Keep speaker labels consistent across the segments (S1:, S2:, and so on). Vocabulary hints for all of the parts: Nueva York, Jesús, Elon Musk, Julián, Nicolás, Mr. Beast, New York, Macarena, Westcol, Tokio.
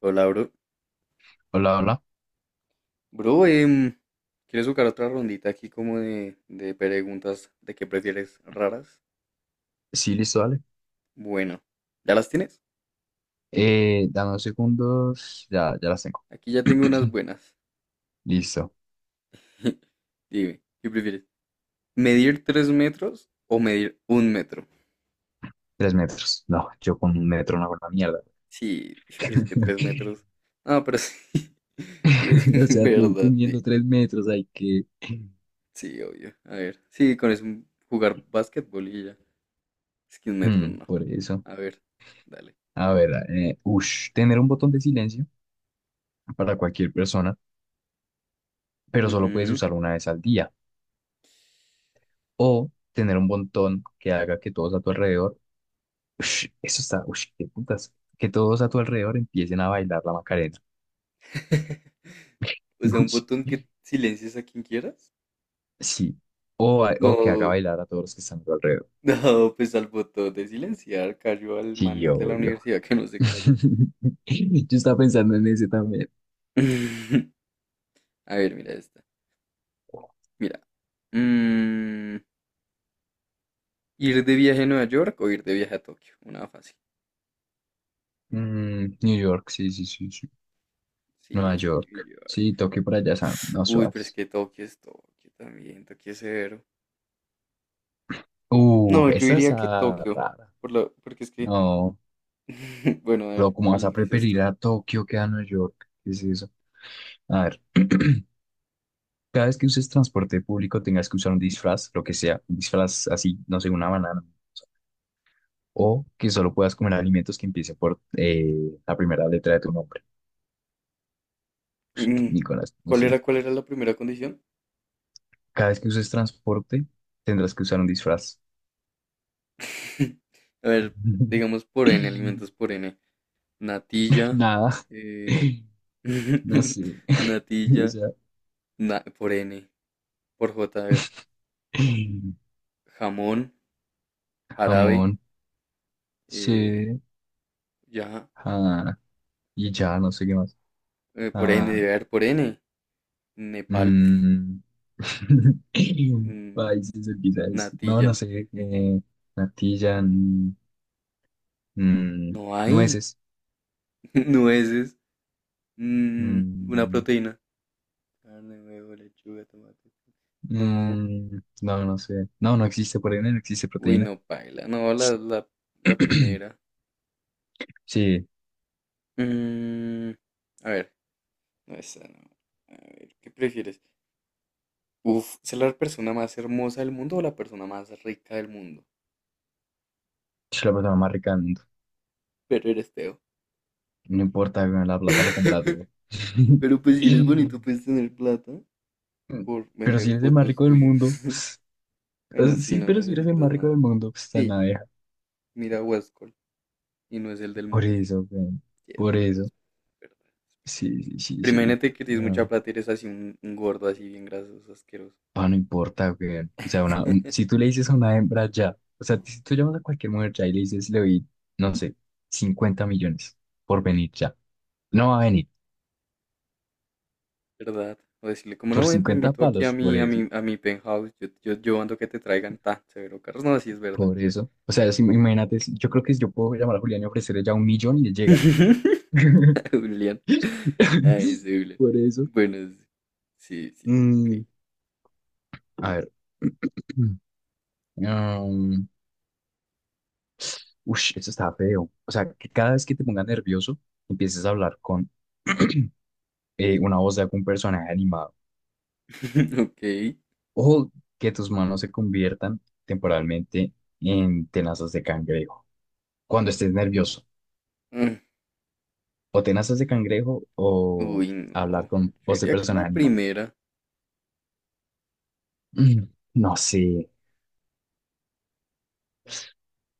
S1: Hola, bro.
S2: Hola, hola.
S1: Bro, ¿quieres jugar otra rondita aquí como de preguntas de qué prefieres raras?
S2: Sí, listo, dale.
S1: Bueno, ¿ya las tienes?
S2: Dame unos segundos. Ya las tengo.
S1: Aquí ya tengo unas buenas.
S2: Listo.
S1: Dime, ¿qué prefieres? ¿Medir 3 metros o medir 1 metro?
S2: Tres metros. No, yo con un metro no hago una mierda.
S1: Sí, pero es que 3 metros. Ah, pero sí. Sí, es
S2: O sea, tú
S1: verdad, sí.
S2: midiendo tres metros, hay que...
S1: Sí, obvio. A ver, sí, con eso jugar básquetbol y ya. Es que 1 metro
S2: Hmm,
S1: no.
S2: por eso.
S1: A ver, dale.
S2: A ver, ush, tener un botón de silencio para cualquier persona, pero solo puedes
S1: Ujú.
S2: usar una vez al día. O tener un botón que haga que todos a tu alrededor... Ush, eso está... Ush, qué putas. Que todos a tu alrededor empiecen a bailar la Macarena.
S1: O sea, un
S2: Ush.
S1: botón que silencias a quien quieras.
S2: Sí. O, o que haga
S1: No,
S2: bailar a todos los que están a tu alrededor.
S1: no, pues al botón de silenciar cayó al man
S2: Sí,
S1: de la
S2: obvio.
S1: universidad que no se calla.
S2: Yo estaba pensando en ese también.
S1: A ver, mira esta. Mira. mm, ¿Ir de viaje a Nueva York o ir de viaje a Tokio? Una fácil.
S2: Mm, New York, sí, sí, sí, sí.
S1: Sí,
S2: Nueva
S1: es que New
S2: York.
S1: York.
S2: Sí, Tokio por allá, Sam. No,
S1: Uy, pero es
S2: suas.
S1: que Tokio es Tokio también. Tokio es severo. No, yo
S2: Esa es
S1: diría que
S2: ah,
S1: Tokio.
S2: rara.
S1: Porque es que.
S2: No,
S1: Bueno, a
S2: pero
S1: ver,
S2: ¿cómo vas a
S1: ¿cuál dices
S2: preferir
S1: tú?
S2: a Tokio que a Nueva York? ¿Qué es eso? A ver. Cada vez que uses transporte público, tengas que usar un disfraz, lo que sea, un disfraz así, no sé, una banana. O que solo puedas comer alimentos que empiecen por la primera letra de tu nombre,
S1: Mm,
S2: Nicolás. No
S1: ¿Cuál
S2: sé.
S1: era, cuál era la primera condición?
S2: Cada vez que uses transporte, tendrás que usar un disfraz.
S1: A ver, digamos por N, alimentos por N. Natilla,
S2: Nada.
S1: eh,
S2: No sé. O
S1: natilla,
S2: sea,
S1: por N, por J, a ver, jamón, jarabe,
S2: jamón,
S1: eh,
S2: sí.
S1: ya,
S2: Ah, y ya, no sé qué más.
S1: por N,
S2: Ah,
S1: debe haber por N, Nepal,
S2: mm.
S1: mm,
S2: Países, quizás. No,
S1: natilla,
S2: no sé. Natilla, mm, mm,
S1: no hay,
S2: nueces.
S1: nueces, mm, una
S2: Mm,
S1: proteína, carne, huevo, lechuga, tomate, no,
S2: mm, no, no sé. No, no existe proteína, no existe
S1: uy,
S2: proteína.
S1: no, paila, no, la primera.
S2: Sí,
S1: Mm, a ver. No, esa no. A ver, ¿qué prefieres? Uf, ¿ser la persona más hermosa del mundo o la persona más rica del mundo?
S2: soy la persona más rica del mundo.
S1: Pero eres feo.
S2: No importa, weón, la plata lo compra todo.
S1: Pero pues si eres bonito, puedes tener plata. Por
S2: Pero si
S1: vender
S2: eres el más
S1: fotos
S2: rico del
S1: tuyas.
S2: mundo. O sea,
S1: Bueno, sí,
S2: sí,
S1: no
S2: pero si eres el
S1: necesitas
S2: más rico del
S1: nada.
S2: mundo, pues está en la
S1: Sí,
S2: abeja.
S1: mira Westcol y no es el del
S2: Por
S1: mundo.
S2: eso, weón,
S1: Sí, es
S2: por
S1: verdad,
S2: eso.
S1: es verdad, es verdad.
S2: Sí, sí, sí,
S1: Pero
S2: sí.
S1: imagínate que tienes mucha
S2: No.
S1: plata y eres así un gordo, así bien grasoso, asqueroso.
S2: Ah, no importa, güey. O sea, si tú le dices a una hembra ya, o sea, si tú llamas a cualquier mujer ya y le dices, le doy, no sé, 50 millones por venir ya. No va a venir.
S1: ¿Verdad? O decirle, como no,
S2: Por
S1: ven, te
S2: cincuenta
S1: invito aquí a
S2: palos, por
S1: mi,
S2: eso,
S1: a mi penthouse. Yo ando que te traigan tan severo carros. No, así es verdad.
S2: por eso. O sea, imagínate, yo creo que yo puedo llamar a Julián y ofrecerle ya 1 millón y le llega.
S1: Julián. Ay, ese Julián.
S2: Por eso.
S1: Bueno, sí, sí, sí, ok.
S2: Mm, a ver. Um, ush, eso está feo. O sea, que cada vez que te pongas nervioso, empieces a hablar con una voz de algún personaje animado.
S1: Ok.
S2: O que tus manos se conviertan temporalmente en tenazas de cangrejo cuando estés nervioso.
S1: Mm,
S2: O tenazas de cangrejo o
S1: Uy,
S2: hablar
S1: no.
S2: con
S1: Yo
S2: voz de
S1: diría que la
S2: personaje animado.
S1: primera.
S2: Mm, no sé,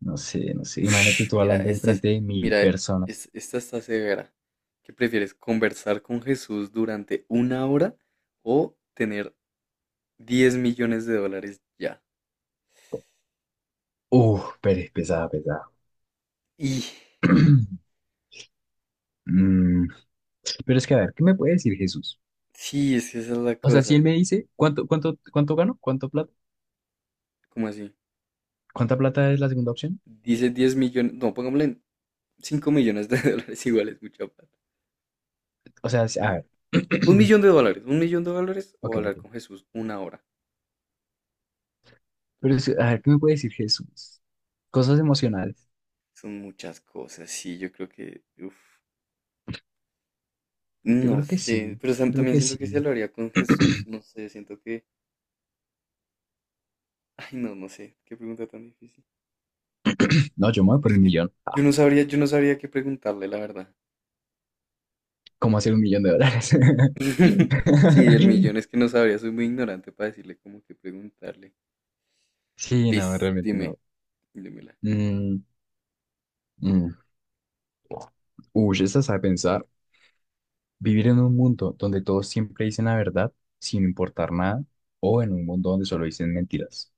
S2: no sé, no sé. Imagínate
S1: Ush,
S2: tú
S1: mira,
S2: hablando
S1: esta es,
S2: enfrente de mil
S1: mira,
S2: personas.
S1: esta está severa. ¿Qué prefieres? ¿Conversar con Jesús durante una hora o tener 10 millones de dólares ya?
S2: Uf, pero es pesado pesado.
S1: Y
S2: Mm, pero es que a ver, ¿qué me puede decir Jesús?
S1: Sí, es que esa es la
S2: O sea, si él
S1: cosa.
S2: me dice, ¿cuánto, cuánto, cuánto gano? ¿Cuánto plata?
S1: ¿Cómo así?
S2: ¿Cuánta plata es la segunda opción?
S1: Dice 10 millones, no, pongámosle 5 millones de dólares iguales, mucha plata.
S2: O sea, a
S1: Mm.
S2: ver.
S1: Un millón de dólares, 1 millón de dólares
S2: Ok,
S1: o hablar
S2: ok.
S1: con Jesús una hora.
S2: Pero es que, a ver, ¿qué me puede decir Jesús? Cosas emocionales.
S1: Son muchas cosas, sí, yo creo que, uf,
S2: Yo
S1: no
S2: creo que
S1: sé,
S2: sí.
S1: pero
S2: Yo creo
S1: también
S2: que sí.
S1: siento que si hablaría con Jesús, no sé, siento que, ay no, no sé, qué pregunta tan difícil.
S2: No, yo me voy
S1: Pero
S2: por
S1: es
S2: el
S1: que
S2: millón. Ah,
S1: yo no sabría qué preguntarle, la verdad.
S2: ¿cómo hacer 1 millón de dólares?
S1: Sí, el millón es que no sabría, soy muy ignorante para decirle cómo que preguntarle.
S2: Sí, no,
S1: Liz,
S2: realmente
S1: dime,
S2: no.
S1: dímela.
S2: Mm, mm. Uy, esa sabe pensar. Vivir en un mundo donde todos siempre dicen la verdad sin importar nada, o en un mundo donde solo dicen mentiras.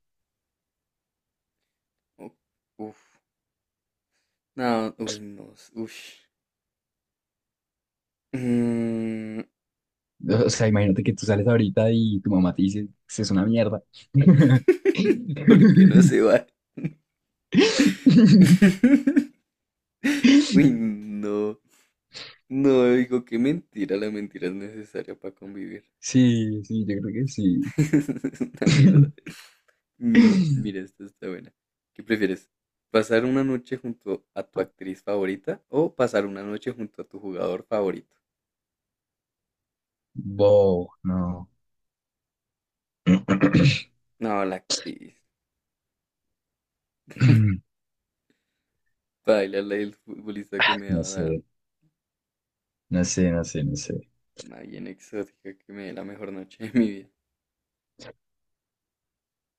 S1: U- Uf. No, uy, no. Ush. Mm,
S2: O sea, imagínate que tú sales ahorita y tu mamá te dice, "Eso es una mierda".
S1: ¿Por qué no se va? Uy, no. No, digo, qué mentira. La mentira es necesaria para convivir.
S2: Sí, sí, yo creo que sí.
S1: Es una mierda. Mira, esta está buena. ¿Qué prefieres? ¿Pasar una noche junto a tu actriz favorita o pasar una noche junto a tu jugador favorito?
S2: Wow, no.
S1: No, la actriz. Baila la del futbolista que me va
S2: No
S1: a dar.
S2: sé, no sé, no sé, no sé.
S1: Una bien exótica que me dé la mejor noche de mi vida.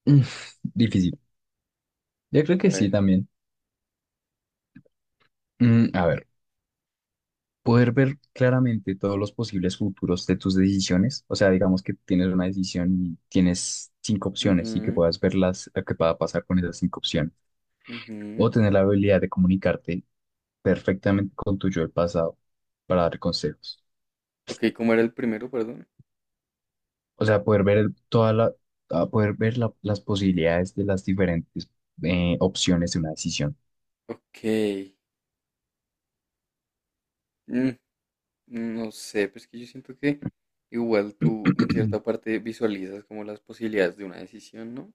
S2: Mm, difícil. Yo creo que
S1: A
S2: sí
S1: ver.
S2: también. Mm, a ver, poder ver claramente todos los posibles futuros de tus decisiones. O sea, digamos que tienes una decisión y tienes 5 opciones y que
S1: Ujú,
S2: puedas verlas, lo que pueda pasar con esas 5 opciones. O
S1: ujú.
S2: tener la habilidad de comunicarte perfectamente con tu yo del pasado para dar consejos.
S1: Ok, ¿cómo era el primero, perdón?
S2: O sea, poder ver toda la, a poder ver las posibilidades de las diferentes opciones de una decisión.
S1: Ok. mm, no sé, pues que yo siento que igual tú en cierta parte visualizas como las posibilidades de una decisión, ¿no?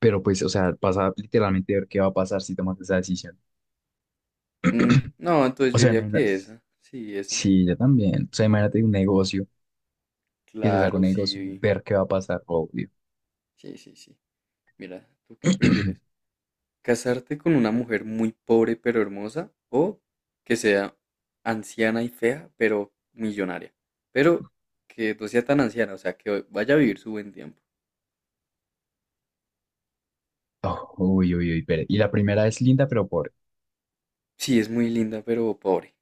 S2: Pero pues, o sea, pasa literalmente a ver qué va a pasar si tomas esa decisión.
S1: No, entonces
S2: O
S1: yo
S2: sea,
S1: diría
S2: imagínate,
S1: que esa. Sí, esa.
S2: sí, yo también. O sea, imagínate un negocio, que se saca un
S1: Claro,
S2: negocio,
S1: sí.
S2: ver qué va a pasar, obvio.
S1: Sí, sí, sí. Mira, ¿tú qué prefieres? ¿Casarte con una mujer muy pobre pero hermosa o que sea anciana y fea pero millonaria? Pero que no sea tan anciana, o sea, que vaya a vivir su buen tiempo.
S2: Oh, uy, uy, uy, pero- y la primera es linda, pero pobre.
S1: Sí, es muy linda pero pobre.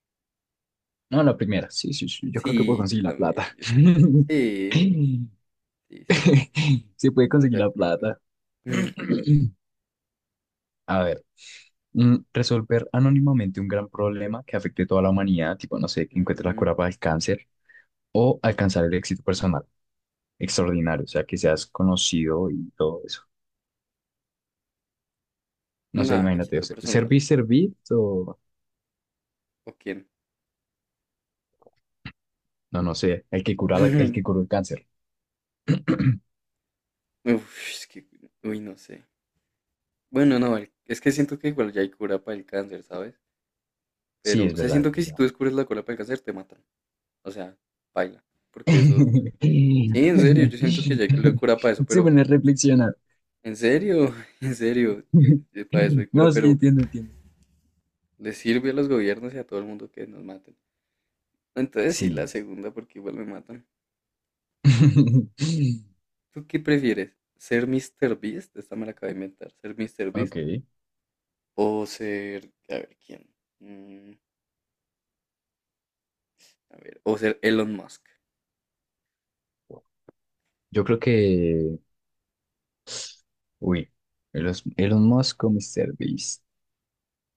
S2: No, la primera, sí, sí, sí, yo creo que puedo
S1: Sí, yo
S2: conseguir la
S1: también,
S2: plata.
S1: yo también. Sí, sí, sí, sí,
S2: Se puede
S1: estamos de
S2: conseguir la
S1: acuerdo.
S2: plata. A ver, mm, resolver anónimamente un gran problema que afecte a toda la humanidad, tipo, no sé, que encuentre la
S1: Ujú.
S2: cura para el cáncer o alcanzar el éxito personal extraordinario, o sea, que seas conocido y todo eso. No sé,
S1: Nah, le
S2: imagínate, o
S1: quito
S2: sea,
S1: personal.
S2: servir o
S1: ¿O quién?
S2: no, no sé, el que cura el que curó el cáncer.
S1: Uf, es que, uy, no sé. Bueno, no, es que siento que igual ya hay cura para el cáncer, ¿sabes?
S2: Sí,
S1: Pero,
S2: es
S1: o sea,
S2: verdad,
S1: siento
S2: es
S1: que si
S2: verdad.
S1: tú descubres la cura para el cáncer, te matan. O sea, baila. Porque eso, sí, en serio, yo siento que ya hay cura para eso,
S2: Se
S1: pero
S2: pone a reflexionar.
S1: en serio, en serio, para eso hay cura,
S2: No, sí,
S1: pero
S2: entiendo, entiendo.
S1: le sirve a los gobiernos y a todo el mundo que nos maten. Entonces sí, la
S2: Sí.
S1: segunda, porque igual me matan. ¿Tú qué prefieres? ¿Ser Mr. Beast? Esta me la acabo de inventar. ¿Ser Mr. Beast?
S2: Ok.
S1: O ser, a ver, ¿quién? Mm, a ver, o ser Elon Musk.
S2: Yo creo que. Uy, Elon, Elon Musk o Mr. Beast.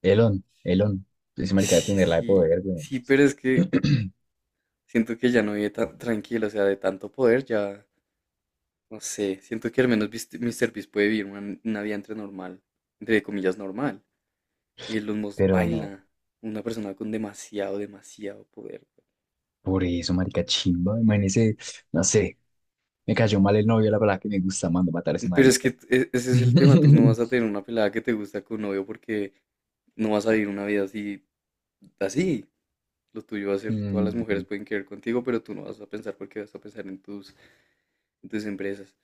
S2: Elon, Elon. Ese marica debe
S1: Sí,
S2: tener la de
S1: sí,
S2: poder, weón.
S1: sí, pero es que siento que ya no vive tan tranquilo, o sea, de tanto poder ya. No sé, siento que al menos Mr. Beast puede vivir una vida entre normal, entre comillas normal. Elon Musk
S2: Pero no.
S1: baila, una persona con demasiado, demasiado poder.
S2: Por eso, marica chimba. Imagínese, no sé. Me cayó mal el novio, la verdad que me gusta, mando a matar a ese
S1: Pero es
S2: marica.
S1: que ese es el tema, tú no vas a tener una pelada que te gusta con novio porque no vas a vivir una vida así, así. Lo tuyo va a ser, todas las
S2: Mm,
S1: mujeres pueden querer contigo, pero tú no vas a pensar porque vas a pensar en tus, empresas.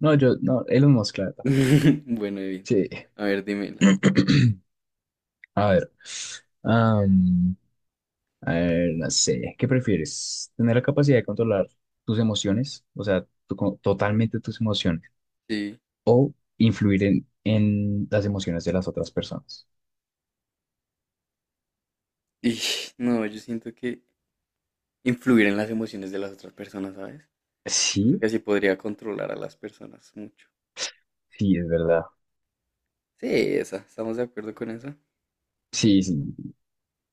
S2: no, yo, no, Elon Musk, la verdad.
S1: Bueno, bien.
S2: Sí.
S1: A ver, dímela.
S2: A ver. am, a ver, no sé. ¿Qué prefieres? ¿Tener la capacidad de controlar tus emociones? O sea, totalmente tus emociones.
S1: Sí.
S2: O influir en las emociones de las otras personas.
S1: Y no, yo siento que influir en las emociones de las otras personas, ¿sabes? Siento
S2: Sí,
S1: que así podría controlar a las personas mucho.
S2: sí, es verdad.
S1: Sí, esa, estamos de acuerdo con eso.
S2: Sí, sí,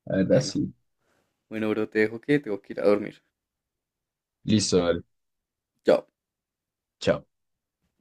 S2: la verdad
S1: Bueno,
S2: sí.
S1: bueno, bro, te dejo que tengo que ir a dormir.
S2: Listo, dale.
S1: Chao.
S2: Chao.